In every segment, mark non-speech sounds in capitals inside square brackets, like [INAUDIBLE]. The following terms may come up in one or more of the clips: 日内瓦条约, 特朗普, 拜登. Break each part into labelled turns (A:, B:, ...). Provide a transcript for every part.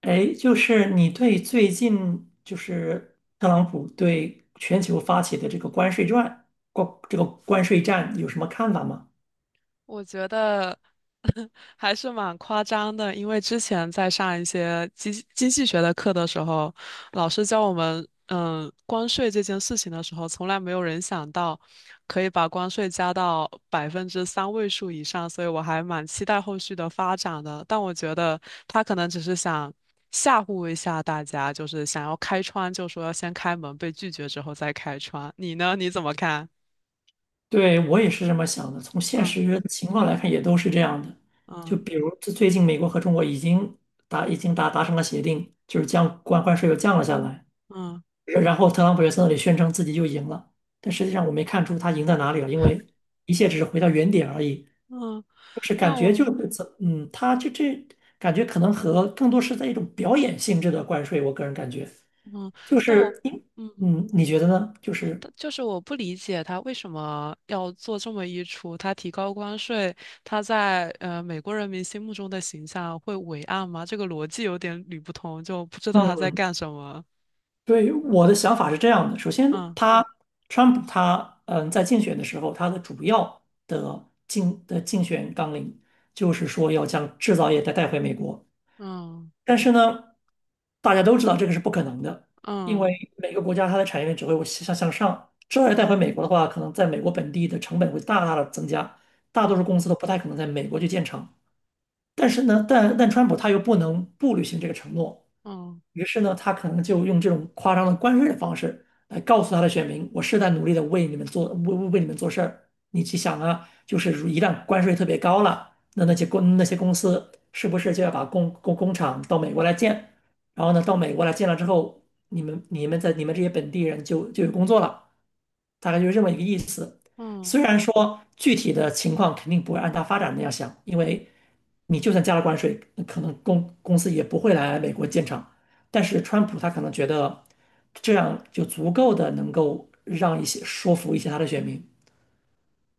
A: 哎，就是你对最近就是特朗普对全球发起的这个关税战，这个关税战有什么看法吗？
B: 我觉得 [LAUGHS] 还是蛮夸张的，因为之前在上一些经济学的课的时候，老师教我们，关税这件事情的时候，从来没有人想到可以把关税加到百分之三位数以上，所以我还蛮期待后续的发展的。但我觉得他可能只是想吓唬一下大家，就是想要开窗，就说要先开门，被拒绝之后再开窗。你呢？你怎么看？
A: 对，我也是这么想的。从现
B: 嗯。
A: 实情况来看，也都是这样的。就
B: 嗯。
A: 比如这最近美国和中国已经达成了协定，就是将关税又降了下来。
B: 嗯。
A: 然后特朗普又在那里宣称自己又赢了，但实际上我没看出他赢在哪里了，因为一切只是回到原点而已。
B: 嗯。
A: 就是感
B: 但
A: 觉就
B: 我
A: 是怎嗯，它就这感觉可能和更多是在一种表演性质的关税，我个人感觉，
B: 嗯，
A: 就
B: 但我，
A: 是因
B: 嗯，
A: 嗯，你觉得呢？就是
B: 但就是我不理解他为什么要做这么一出。他提高关税，他在美国人民心目中的形象会伟岸吗？这个逻辑有点捋不通，就不知道他在
A: 嗯
B: 干什么。
A: 对，我的想法是这样的，首先
B: 嗯。
A: 川普在竞选的时候，他的主要的竞选纲领就是说要将制造业再带回美国。
B: 嗯。
A: 但是呢，大家都知道这个是不可能的，因
B: 嗯。
A: 为每个国家它的产业链只会向上。这要带回
B: 嗯。
A: 美国的话，可能在美国本地的成本会大大的增加，大多数
B: 嗯。
A: 公司都不太可能在美国去建厂。但是呢，但川普他又不能不履行这个承诺，
B: 嗯。
A: 于是呢，他可能就用这种夸张的关税的方式来告诉他的选民，我是在努力的为你们做，为你们做事儿。你去想啊，就是一旦关税特别高了，那那些公司是不是就要把工厂到美国来建？然后呢，到美国来建了之后，你们这些本地人就有工作了，大概就是这么一个意思。
B: 嗯。
A: 虽然说具体的情况肯定不会按它发展那样想，因为你就算加了关税，可能公司也不会来美国建厂。但是川普他可能觉得这样就足够的能够让一些说服一些他的选民。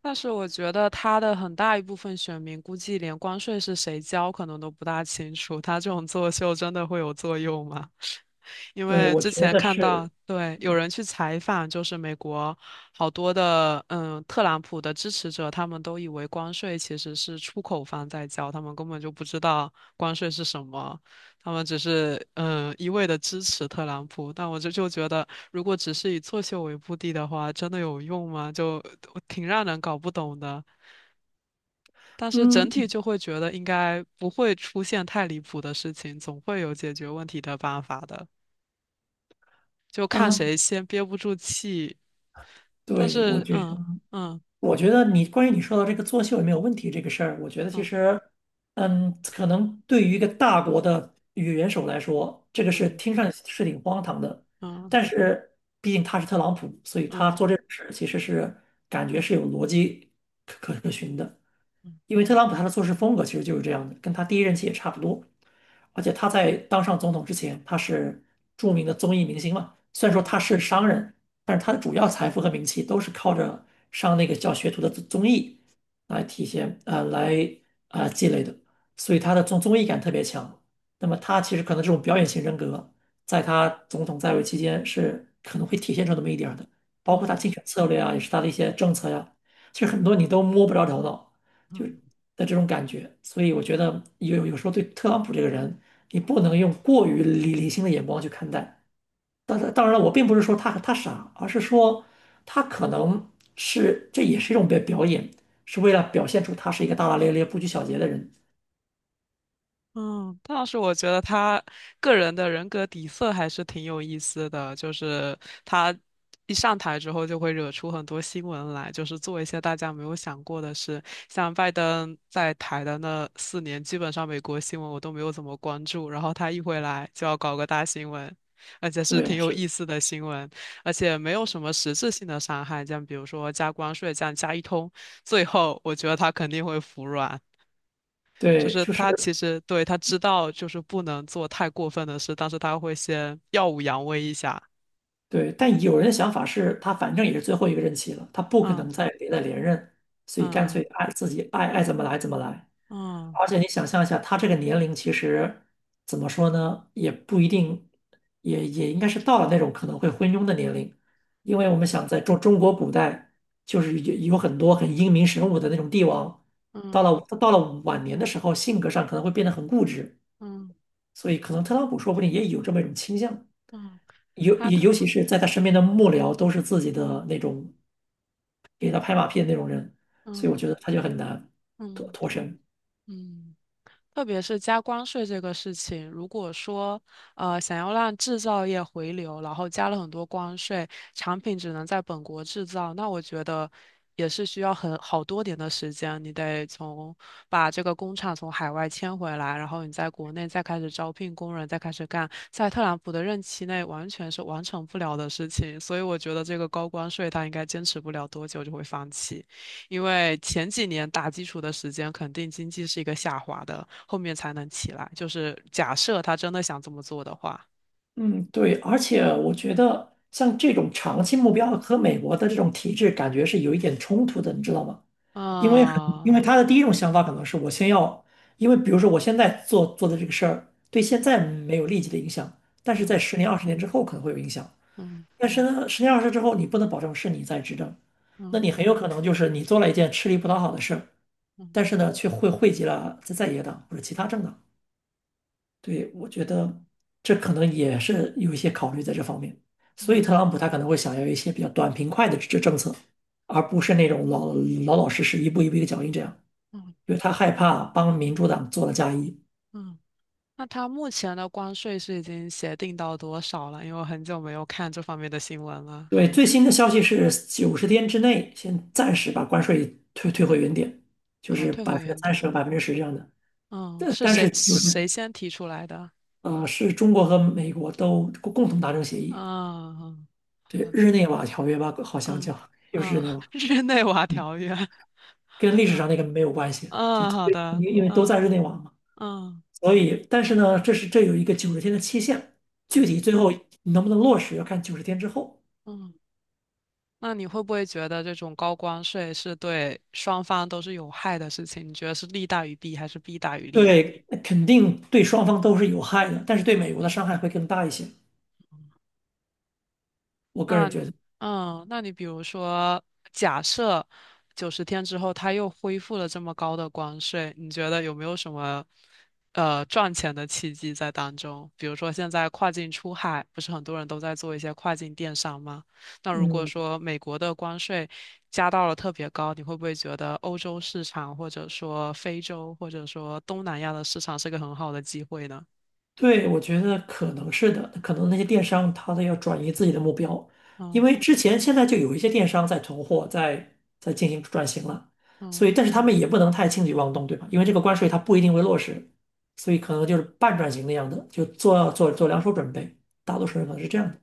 B: 但是我觉得他的很大一部分选民估计连关税是谁交可能都不大清楚，他这种作秀真的会有作用吗？[LAUGHS] 因
A: 对，
B: 为
A: 我
B: 之
A: 觉
B: 前
A: 得
B: 看到，
A: 是，
B: 对，有人去采访，就是美国好多的特朗普的支持者，他们都以为关税其实是出口方在交，他们根本就不知道关税是什么，他们只是一味的支持特朗普，但我就觉得，如果只是以作秀为目的的话，真的有用吗？就挺让人搞不懂的。但是整体
A: 嗯
B: 就会觉得应该不会出现太离谱的事情，总会有解决问题的办法的，就看
A: 啊，
B: 谁先憋不住气。但
A: 对，我
B: 是。
A: 觉得，
B: 嗯。嗯。
A: 我觉得你关于你说到这个作秀有没有问题这个事儿，我觉得其
B: 嗯。
A: 实，可能对于一个大国的元首来说，这个是
B: 嗯。
A: 听上去是挺荒唐的，
B: 嗯。
A: 但是毕竟他是特朗普，所以他
B: 嗯。
A: 做这种事儿其实是感觉是有逻辑可循的。因为特朗普他的做事风格其实就是这样的，跟他第一任期也差不多。而且他在当上总统之前，他是著名的综艺明星嘛。虽然说他
B: 嗯。
A: 是商人，但是他的主要财富和名气都是靠着上那个叫学徒的综艺来体现啊呃来啊、呃积累的，所以他的综艺感特别强。那么他其实可能这种表演型人格，在他总统在位期间是可能会体现出那么一点儿的，包括
B: 嗯。
A: 他
B: 嗯。
A: 竞选策略啊，也是他的一些政策呀、其实很多你都摸不着头脑。就
B: 嗯。
A: 的这种感觉。所以我觉得有时候对特朗普这个人，你不能用过于理性的眼光去看待。当然了，我并不是说他傻，而是说他可能是这也是一种表演，是为了表现出他是一个大大咧咧、不拘小节的人。
B: 嗯，但是我觉得他个人的人格底色还是挺有意思的，就是他一上台之后就会惹出很多新闻来，就是做一些大家没有想过的事。像拜登在台的那4年，基本上美国新闻我都没有怎么关注，然后他一回来就要搞个大新闻，而且是挺
A: 对，
B: 有
A: 是，
B: 意思的新闻，而且没有什么实质性的伤害，像比如说加关税这样加一通，最后我觉得他肯定会服软。就
A: 对，
B: 是
A: 就
B: 他其
A: 是。
B: 实对他知道就是不能做太过分的事，但是他会先耀武扬威一下。
A: 对，但有人的想法是他反正也是最后一个任期了，他不可能
B: 嗯。
A: 再连任，所以干脆
B: 嗯。
A: 爱自己爱爱怎么来怎么来。
B: 嗯。
A: 而且你想象一下，他这个年龄其实怎么说呢，也不一定，也应该是到了那种可能会昏庸的年龄，因为我
B: 嗯。
A: 们想在中国古代，就是有很多很英明神武的那种帝王，到
B: 嗯。
A: 了到了晚年的时候，性格上可能会变得很固执，
B: 嗯。
A: 所以可能特朗普说不定也有这么一种倾向。
B: 嗯。
A: 尤
B: 他他
A: 尤其是在他身边的幕僚都是自己的那种给他拍马屁的那种人，所以我
B: 嗯。
A: 觉得他就很难脱
B: 嗯。
A: 脱身。
B: 嗯。特别是加关税这个事情，如果说想要让制造业回流，然后加了很多关税，产品只能在本国制造，那我觉得也是需要很好多年的时间，你得从把这个工厂从海外迁回来，然后你在国内再开始招聘工人，再开始干，在特朗普的任期内完全是完成不了的事情，所以我觉得这个高关税他应该坚持不了多久就会放弃。因为前几年打基础的时间，肯定经济是一个下滑的，后面才能起来。就是假设他真的想这么做的话，
A: 嗯，对，而且我觉得像这种长期目标和美国的这种体制感觉是有一点冲突的，你知道吗？因为很，
B: 啊。
A: 因为他的第一种想法可能是我先要，因为比如说我现在做的这个事儿，对现在没有立即的影响，但是在
B: 嗯。
A: 十年、20年之后可能会有影响。
B: 嗯。
A: 但是呢，十年二十之后，你不能保证是你在执政，那
B: 嗯。
A: 你很有可能就是你做了一件吃力不讨好的事儿，但
B: 嗯。
A: 是呢，却会惠及了在野党或者其他政党。对，我觉得这可能也是有一些考虑在这方面，所以
B: 嗯。
A: 特朗普他可能会想要一些比较短平快的政策，而不是那种老老实实一步一步一个脚印这样，
B: 嗯。
A: 因为他害怕帮民主党做了嫁衣。
B: 嗯。那他目前的关税是已经协定到多少了？因为我很久没有看这方面的新闻了。
A: 对，最新的消息是九十天之内先暂时把关税退回原点，就
B: 哦，
A: 是
B: 退
A: 百
B: 回
A: 分之
B: 原
A: 三
B: 点。
A: 十和10%这样的。
B: 嗯，
A: 这
B: 是
A: 但是
B: 谁
A: 就
B: 谁
A: 是
B: 先提出来的？
A: 呃，是中国和美国都共同达成协议，
B: 嗯。
A: 对
B: 嗯。
A: 日内瓦条约吧，好像
B: 嗯。
A: 叫又是日
B: 嗯。
A: 内瓦，
B: [LAUGHS] 日内瓦
A: 嗯，
B: 条约。[LAUGHS]
A: 跟历史
B: 嗯。
A: 上那个没有关系，就
B: 嗯。好
A: 对，
B: 的。
A: 因为都
B: 嗯。
A: 在日内瓦嘛，
B: 嗯。
A: 所以但是呢，这有一个九十天的期限，具
B: 嗯。
A: 体最后能不能落实要看九十天之后。
B: 嗯，那你会不会觉得这种高关税是对双方都是有害的事情？你觉得是利大于弊还是弊大于利？
A: 对，肯定对双方都是有害的，但是对美国的伤害会更大一些，我个
B: 那
A: 人
B: 你，
A: 觉得，
B: 嗯，那你比如说，假设90天之后它又恢复了这么高的关税，你觉得有没有什么赚钱的契机在当中？比如说现在跨境出海，不是很多人都在做一些跨境电商吗？那如果
A: 嗯。
B: 说美国的关税加到了特别高，你会不会觉得欧洲市场或者说非洲或者说东南亚的市场是个很好的机会呢？
A: 对，我觉得可能是的，可能那些电商他都要转移自己的目标，因
B: 嗯。
A: 为现在就有一些电商在囤货，在进行转型了，所
B: 嗯。
A: 以但是他们也不能太轻举妄动，对吧？因为这个关税它不一定会落实，所以可能就是半转型那样的，就做两手准备，大多数人可能是这样的。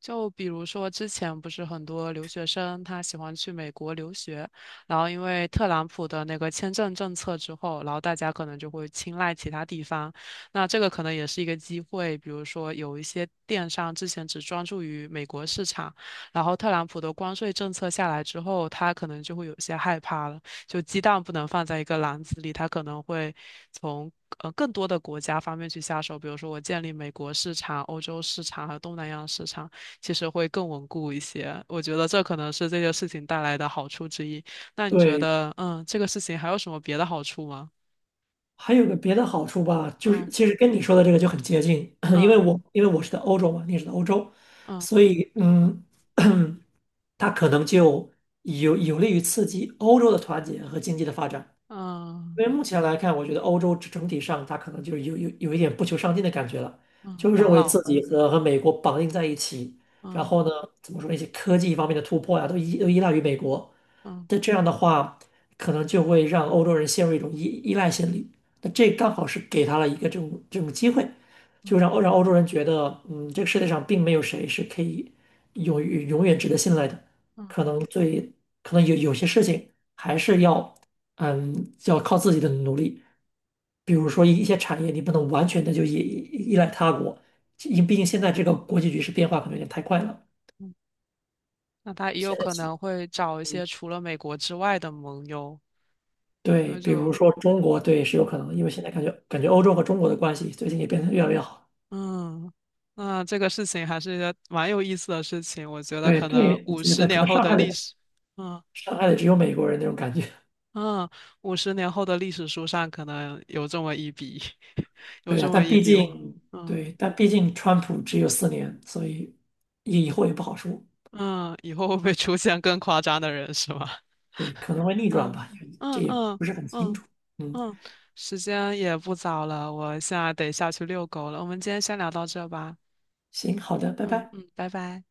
B: 就比如说，之前不是很多留学生他喜欢去美国留学，然后因为特朗普的那个签证政策之后，然后大家可能就会青睐其他地方。那这个可能也是一个机会，比如说有一些电商之前只专注于美国市场，然后特朗普的关税政策下来之后，他可能就会有些害怕了，就鸡蛋不能放在一个篮子里，他可能会从。更多的国家方面去下手，比如说我建立美国市场、欧洲市场和东南亚市场，其实会更稳固一些。我觉得这可能是这件事情带来的好处之一。那你觉
A: 对，
B: 得，嗯，这个事情还有什么别的好处吗？
A: 还有个别的好处吧，就是
B: 嗯。
A: 其实跟你说的这个就很接近，[LAUGHS] [CLEARS THROAT] 因为
B: 嗯。
A: 我因为我是在欧洲嘛，你也是在欧洲，
B: 嗯。
A: 所以。[CLEARS THROAT] 它可能就有利于刺激欧洲的团结和经济的发展。
B: 嗯。
A: 因为目前来看，我觉得欧洲整体上，它可能就是有一点不求上进的感觉了，
B: 嗯。
A: 就是认
B: 养
A: 为
B: 老。
A: 自己和美国绑定在一起，然
B: 嗯。
A: 后呢，怎么说那些科技方面的突破呀、都依赖于美国。
B: 嗯。
A: 那这样的话，可能就会让欧洲人陷入一种依赖心理。那这刚好是给他了一个这种机会，就
B: 嗯。
A: 让欧洲人觉得，这个世界上并没有谁是可以永远值得信赖的，
B: 嗯。
A: 可能最可能有些事情还是要。要靠自己的努力。比如说一些产业，你不能完全的就依赖他国，毕竟现在这个国际局势变化可能有点太快了。
B: 嗯。那他也有
A: 现在
B: 可
A: 起
B: 能会找一些除了美国之外的盟友，因
A: 对，
B: 为
A: 比如
B: 就。
A: 说中国，对，是有可能
B: 嗯。
A: 因为现在感觉欧洲和中国的关系最近也变得越来越好。
B: 嗯。那这个事情还是一个蛮有意思的事情，我觉得
A: 对
B: 可能
A: 对，我
B: 五
A: 觉
B: 十
A: 得可
B: 年
A: 能
B: 后
A: 伤
B: 的
A: 害
B: 历
A: 的
B: 史，嗯。
A: 伤害的只有美国人那种感觉。
B: 嗯，五十年后的历史书上可能有这么一笔，[LAUGHS]
A: [LAUGHS]
B: 有
A: 对
B: 这
A: 啊，
B: 么
A: 但
B: 一
A: 毕
B: 笔哦。
A: 竟
B: 嗯。
A: 对，但毕竟川普只有4年，所以以后也不好说。
B: 嗯。以后会不会出现更夸张的人是吗？
A: 对，可能会逆
B: [LAUGHS]
A: 转
B: 嗯。
A: 吧，也这
B: 嗯。
A: 也
B: 嗯。
A: 不是很清
B: 嗯。
A: 楚。嗯，
B: 嗯。时间也不早了，我现在得下去遛狗了。我们今天先聊到这吧。
A: 行，好的，拜
B: 嗯。
A: 拜。
B: 嗯。拜拜。